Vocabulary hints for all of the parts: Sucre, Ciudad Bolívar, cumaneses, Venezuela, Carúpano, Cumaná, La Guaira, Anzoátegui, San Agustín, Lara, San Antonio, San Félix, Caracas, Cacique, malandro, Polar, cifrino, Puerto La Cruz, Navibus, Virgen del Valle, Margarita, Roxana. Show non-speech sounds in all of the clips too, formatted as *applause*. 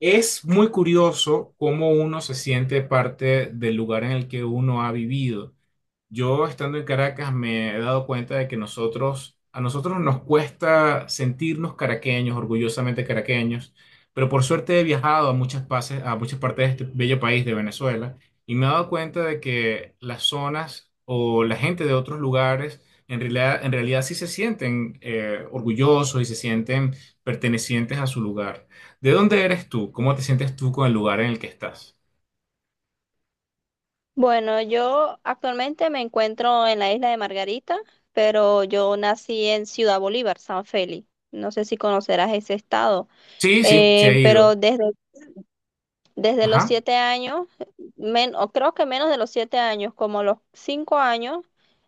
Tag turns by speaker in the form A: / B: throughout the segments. A: Es muy curioso cómo uno se siente parte del lugar en el que uno ha vivido. Yo estando en Caracas me he dado cuenta de que a nosotros nos cuesta sentirnos caraqueños, orgullosamente caraqueños, pero por suerte he viajado a muchas partes de este bello país de Venezuela y me he dado cuenta de que las zonas o la gente de otros lugares en realidad sí se sienten orgullosos y se sienten pertenecientes a su lugar. ¿De dónde eres tú? ¿Cómo te sientes tú con el lugar en el que estás?
B: Bueno, yo actualmente me encuentro en la isla de Margarita, pero yo nací en Ciudad Bolívar, San Félix. No sé si conocerás ese estado,
A: Sí, sí, se ha
B: pero
A: ido.
B: desde los
A: Ajá.
B: 7 años, o creo que menos de los 7 años, como los 5 años,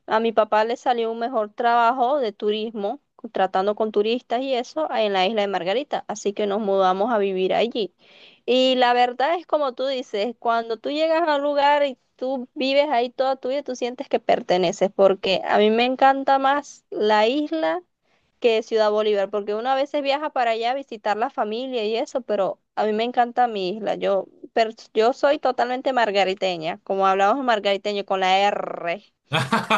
B: a mi papá le salió un mejor trabajo de turismo, tratando con turistas y eso, en la isla de Margarita. Así que nos mudamos a vivir allí. Y la verdad es como tú dices, cuando tú llegas a un lugar y tú vives ahí toda tu vida, tú sientes que perteneces, porque a mí me encanta más la isla que Ciudad Bolívar, porque uno a veces viaja para allá a visitar la familia y eso, pero a mí me encanta mi isla. Yo, yo soy totalmente margariteña, como hablamos margariteño con la R,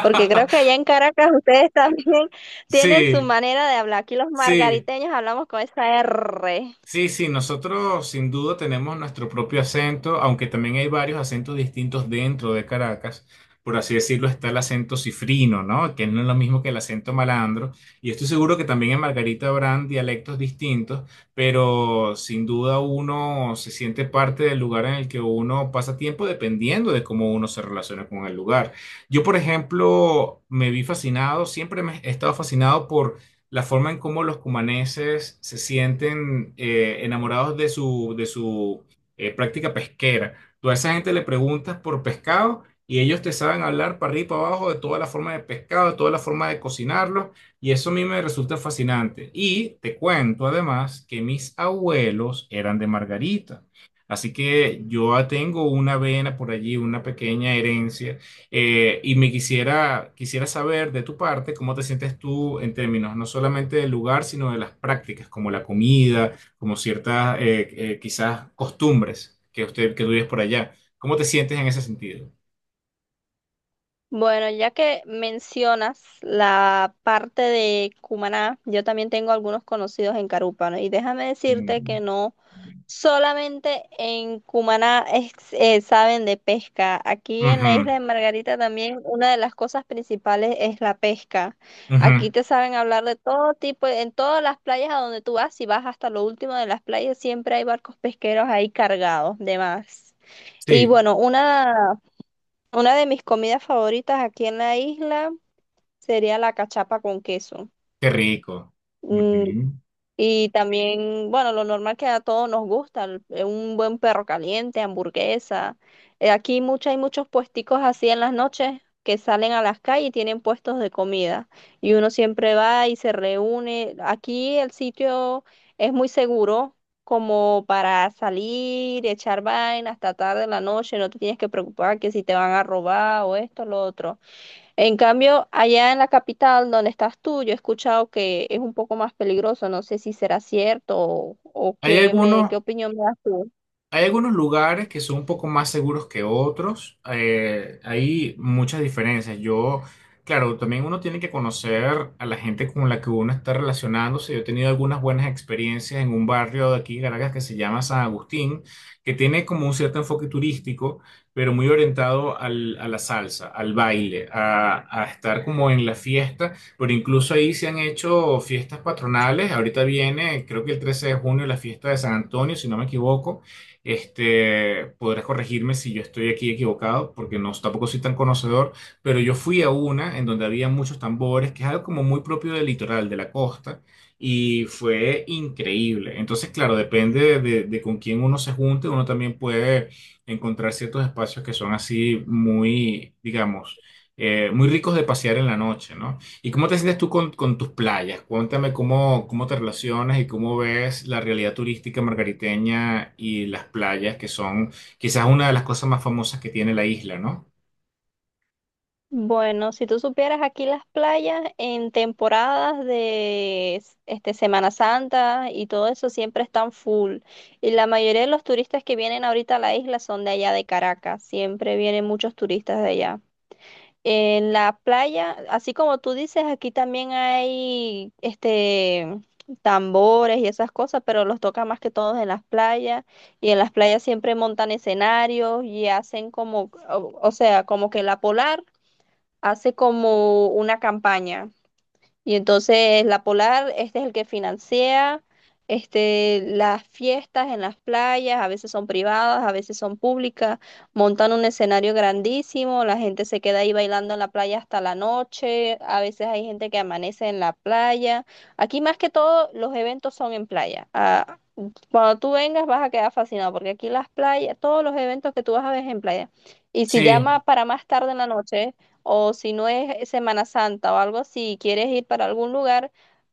B: porque creo que allá en Caracas ustedes también *laughs* tienen su
A: Sí,
B: manera de hablar. Aquí los
A: sí,
B: margariteños hablamos con esa R.
A: sí, sí, nosotros sin duda tenemos nuestro propio acento, aunque también hay varios acentos distintos dentro de Caracas. Por así decirlo, está el acento cifrino, ¿no? Que no es lo mismo que el acento malandro. Y estoy seguro que también en Margarita habrán dialectos distintos, pero sin duda uno se siente parte del lugar en el que uno pasa tiempo dependiendo de cómo uno se relaciona con el lugar. Yo, por ejemplo, me vi fascinado, siempre me he estado fascinado por la forma en cómo los cumaneses se sienten enamorados de su práctica pesquera. Tú a esa gente le preguntas por pescado y ellos te saben hablar para arriba y para abajo de toda la forma de pescado, de toda la forma de cocinarlo, y eso a mí me resulta fascinante. Y te cuento además que mis abuelos eran de Margarita. Así que yo tengo una vena por allí, una pequeña herencia y quisiera saber de tu parte cómo te sientes tú en términos no solamente del lugar, sino de las prácticas, como la comida, como ciertas quizás costumbres que tú vives por allá. ¿Cómo te sientes en ese sentido?
B: Bueno, ya que mencionas la parte de Cumaná, yo también tengo algunos conocidos en Carúpano y déjame decirte
A: Mm.
B: que no solamente en Cumaná saben de pesca. Aquí en la
A: Ujú,
B: isla de Margarita también una de las cosas principales es la pesca.
A: ujú.
B: Aquí te saben hablar de todo tipo, en todas las playas a donde tú vas, si vas hasta lo último de las playas, siempre hay barcos pesqueros ahí cargados de más. Y
A: Sí,
B: bueno, una de mis comidas favoritas aquí en la isla sería la cachapa con queso.
A: qué rico.
B: Mm,
A: Ujú.
B: y también, bueno, lo normal que a todos nos gusta, un buen perro caliente, hamburguesa. Aquí mucho, hay muchos puesticos así en las noches que salen a las calles y tienen puestos de comida. Y uno siempre va y se reúne. Aquí el sitio es muy seguro como para salir, echar vaina hasta tarde en la noche, no te tienes que preocupar que si te van a robar o esto, lo otro. En cambio, allá en la capital donde estás tú, yo he escuchado que es un poco más peligroso. No sé si será cierto o
A: Hay algunos,
B: qué opinión me das tú.
A: Hay algunos lugares que son un poco más seguros que otros. Hay muchas diferencias. Yo, claro, también uno tiene que conocer a la gente con la que uno está relacionándose. Yo he tenido algunas buenas experiencias en un barrio de aquí, de Caracas, que se llama San Agustín, que tiene como un cierto enfoque turístico, pero muy orientado a la salsa, al baile, a estar como en la fiesta. Pero incluso ahí se han hecho fiestas patronales. Ahorita viene, creo que el 13 de junio, la fiesta de San Antonio, si no me equivoco este, podrás corregirme si yo estoy aquí equivocado, porque no, tampoco soy tan conocedor, pero yo fui a una en donde había muchos tambores, que es algo como muy propio del litoral, de la costa, y fue increíble. Entonces, claro, depende de con quién uno se junte, uno también puede encontrar ciertos espacios que son así muy, digamos, muy ricos de pasear en la noche, ¿no? ¿Y cómo te sientes tú con tus playas? Cuéntame cómo te relacionas y cómo ves la realidad turística margariteña y las playas, que son quizás una de las cosas más famosas que tiene la isla, ¿no?
B: Bueno, si tú supieras aquí las playas en temporadas de este, Semana Santa y todo eso siempre están full. Y la mayoría de los turistas que vienen ahorita a la isla son de allá de Caracas. Siempre vienen muchos turistas de allá. En la playa, así como tú dices, aquí también hay este tambores y esas cosas, pero los toca más que todos en las playas. Y en las playas siempre montan escenarios y hacen como, o sea, como que la Polar hace como una campaña. Y entonces la Polar, este es el que financia este, las fiestas en las playas, a veces son privadas, a veces son públicas, montan un escenario grandísimo, la gente se queda ahí bailando en la playa hasta la noche, a veces hay gente que amanece en la playa. Aquí más que todo los eventos son en playa. Ah, cuando tú vengas vas a quedar fascinado porque aquí las playas, todos los eventos que tú vas a ver es en playa. Y si
A: Sí,
B: llama para más tarde en la noche o si no es Semana Santa o algo, si quieres ir para algún lugar,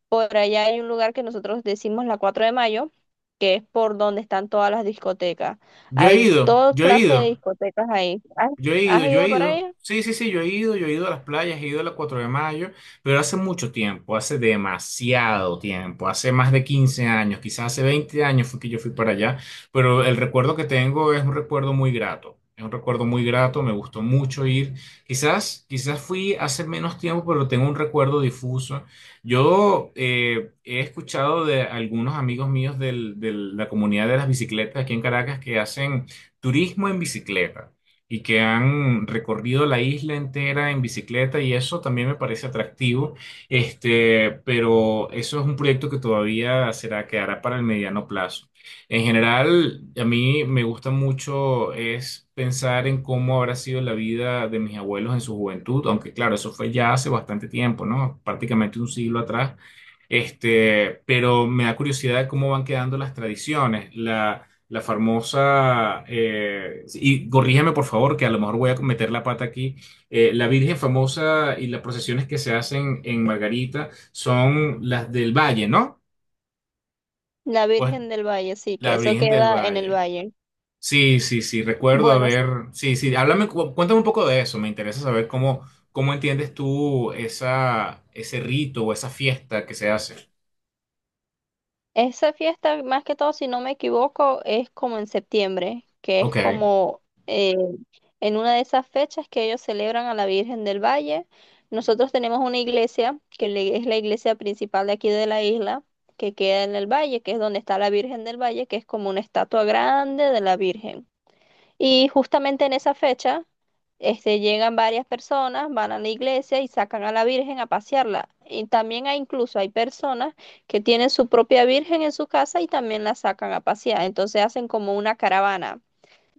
B: por allá hay un lugar que nosotros decimos la 4 de Mayo, que es por donde están todas las discotecas.
A: yo he
B: Hay
A: ido,
B: toda
A: yo he
B: clase de
A: ido.
B: discotecas ahí. ¿Has,
A: Yo he ido,
B: has
A: yo he
B: ido para
A: ido.
B: allá?
A: Sí, sí, sí, yo he ido a las playas, he ido a la 4 de mayo, pero hace mucho tiempo, hace demasiado tiempo, hace más de 15 años, quizás hace 20 años fue que yo fui para allá, pero el recuerdo que tengo es un recuerdo muy grato, es un recuerdo muy grato, me gustó mucho ir. Quizás, quizás fui hace menos tiempo, pero tengo un recuerdo difuso. Yo he escuchado de algunos amigos míos de la comunidad de las bicicletas aquí en Caracas que hacen turismo en bicicleta y que han recorrido la isla entera en bicicleta y eso también me parece atractivo, este, pero eso es un proyecto que todavía será, quedará para el mediano plazo. En general, a mí me gusta mucho es pensar en cómo habrá sido la vida de mis abuelos en su juventud, aunque claro, eso fue ya hace bastante tiempo, ¿no? Prácticamente un siglo atrás. Este, pero me da curiosidad de cómo van quedando las tradiciones. La famosa, y corrígeme por favor, que a lo mejor voy a meter la pata aquí, la Virgen famosa y las procesiones que se hacen en Margarita son las del Valle, ¿no?
B: La
A: Pues
B: Virgen del Valle, sí, que
A: la
B: eso
A: Virgen del
B: queda en el
A: Valle.
B: valle.
A: Sí, sí, sí, recuerdo
B: Bueno,
A: haber, sí, sí, háblame, cuéntame un poco de eso, me interesa saber cómo, cómo entiendes tú ese rito o esa fiesta que se hace.
B: esa fiesta, más que todo, si no me equivoco, es como en septiembre, que es
A: Ok,
B: como en una de esas fechas que ellos celebran a la Virgen del Valle. Nosotros tenemos una iglesia, que es la iglesia principal de aquí de la isla, que queda en el valle, que es donde está la Virgen del Valle, que es como una estatua grande de la Virgen. Y justamente en esa fecha, este, llegan varias personas, van a la iglesia y sacan a la Virgen a pasearla. Y también hay incluso hay personas que tienen su propia Virgen en su casa y también la sacan a pasear. Entonces hacen como una caravana.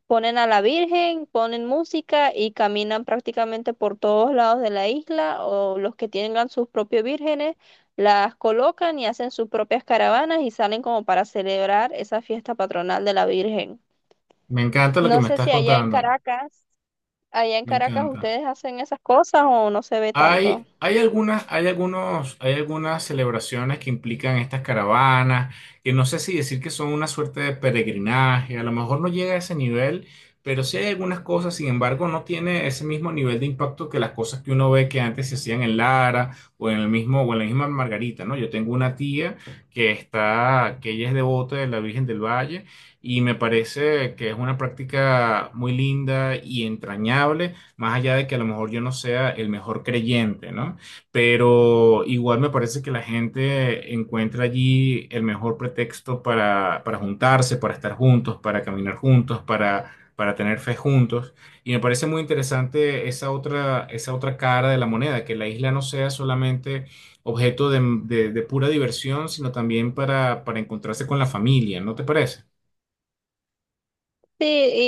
B: Ponen a la Virgen, ponen música y caminan prácticamente por todos lados de la isla o los que tengan sus propios vírgenes las colocan y hacen sus propias caravanas y salen como para celebrar esa fiesta patronal de la Virgen.
A: me encanta lo que
B: No
A: me
B: sé
A: estás
B: si allá en
A: contando,
B: Caracas,
A: me encanta.
B: Ustedes hacen esas cosas o no se ve tanto.
A: Hay algunas celebraciones que implican estas caravanas, que no sé si decir que son una suerte de peregrinaje, a lo mejor no llega a ese nivel, pero sí hay algunas cosas, sin embargo, no tiene ese mismo nivel de impacto que las cosas que uno ve que antes se hacían en Lara o en el mismo, o en la misma Margarita, ¿no? Yo tengo una tía que está, que ella es devota de la Virgen del Valle y me parece que es una práctica muy linda y entrañable más allá de que a lo mejor yo no sea el mejor creyente, ¿no? Pero igual me parece que la gente encuentra allí el mejor pretexto para juntarse, para estar juntos, para caminar juntos, para tener fe juntos. Y me parece muy interesante esa otra cara de la moneda, que la isla no sea solamente objeto de pura diversión, sino también para encontrarse con la familia, ¿no te parece?
B: Sí,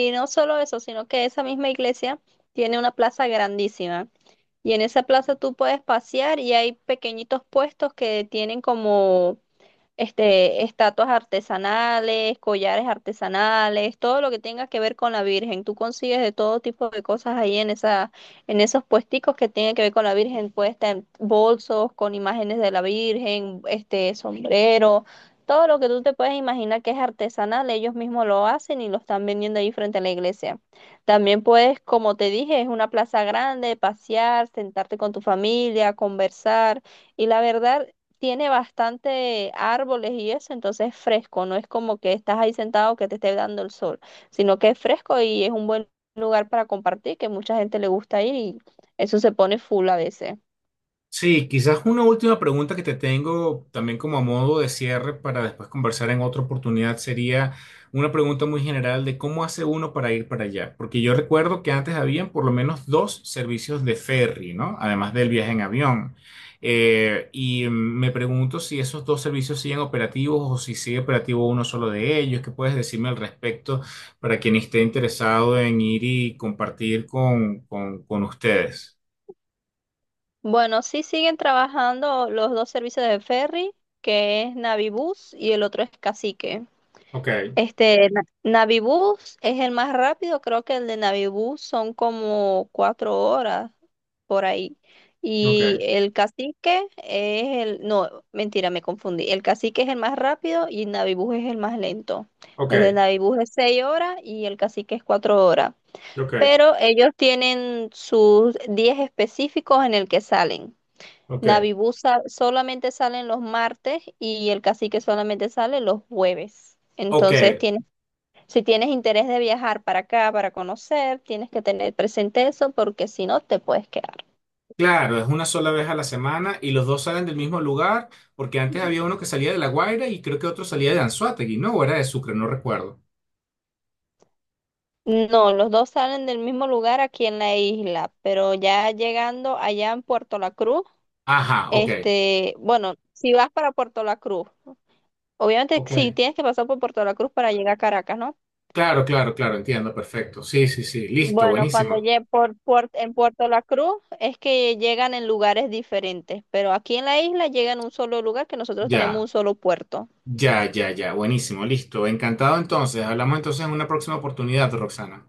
B: y no solo eso, sino que esa misma iglesia tiene una plaza grandísima. Y en esa plaza tú puedes pasear y hay pequeñitos puestos que tienen como este, estatuas artesanales, collares artesanales, todo lo que tenga que ver con la Virgen. Tú consigues de todo tipo de cosas ahí en esos puesticos que tienen que ver con la Virgen. Puedes tener bolsos con imágenes de la Virgen, este, sombreros, todo lo que tú te puedes imaginar que es artesanal, ellos mismos lo hacen y lo están vendiendo ahí frente a la iglesia. También puedes, como te dije, es una plaza grande, pasear, sentarte con tu familia, conversar. Y la verdad, tiene bastante árboles y eso, entonces es fresco, no es como que estás ahí sentado que te esté dando el sol, sino que es fresco y es un buen lugar para compartir, que mucha gente le gusta ir y eso se pone full a veces.
A: Sí, quizás una última pregunta que te tengo también como a modo de cierre para después conversar en otra oportunidad sería una pregunta muy general de cómo hace uno para ir para allá. Porque yo recuerdo que antes habían por lo menos dos servicios de ferry, ¿no? Además del viaje en avión. Y me pregunto si esos dos servicios siguen operativos o si sigue operativo uno solo de ellos. ¿Qué puedes decirme al respecto para quien esté interesado en ir y compartir con ustedes?
B: Bueno, sí siguen trabajando los dos servicios de ferry, que es Navibus y el otro es Cacique.
A: Ok,
B: Este, Navibus es el más rápido, creo que el de Navibus son como 4 horas por ahí.
A: ok,
B: Y el cacique es el, no, mentira, me confundí. El cacique es el más rápido y Navibus es el más lento. El de
A: ok.
B: Navibus es 6 horas y el cacique es 4 horas.
A: Ok,
B: Pero ellos tienen sus días específicos en el que salen.
A: ok.
B: Navibus solamente salen los martes y el cacique solamente sale los jueves.
A: Ok,
B: Entonces tienen si tienes interés de viajar para acá, para conocer, tienes que tener presente eso porque si no te puedes quedar.
A: claro, es una sola vez a la semana y los dos salen del mismo lugar, porque antes había uno que salía de La Guaira y creo que otro salía de Anzoátegui, ¿no? O era de Sucre, no recuerdo.
B: No, los dos salen del mismo lugar aquí en la isla, pero ya llegando allá en Puerto La Cruz,
A: Ajá, ok,
B: este, bueno, si vas para Puerto La Cruz, obviamente sí
A: ok.
B: tienes que pasar por Puerto La Cruz para llegar a Caracas, ¿no?
A: Claro, claro, claro, entiendo, perfecto. Sí, sí, sí, listo,
B: Bueno, cuando
A: buenísimo.
B: llegue por, en Puerto La Cruz es que llegan en lugares diferentes, pero aquí en la isla llegan a un solo lugar que nosotros tenemos un
A: Ya,
B: solo puerto.
A: ya, ya, ya, buenísimo, listo. Encantado entonces. Hablamos entonces en una próxima oportunidad, Roxana.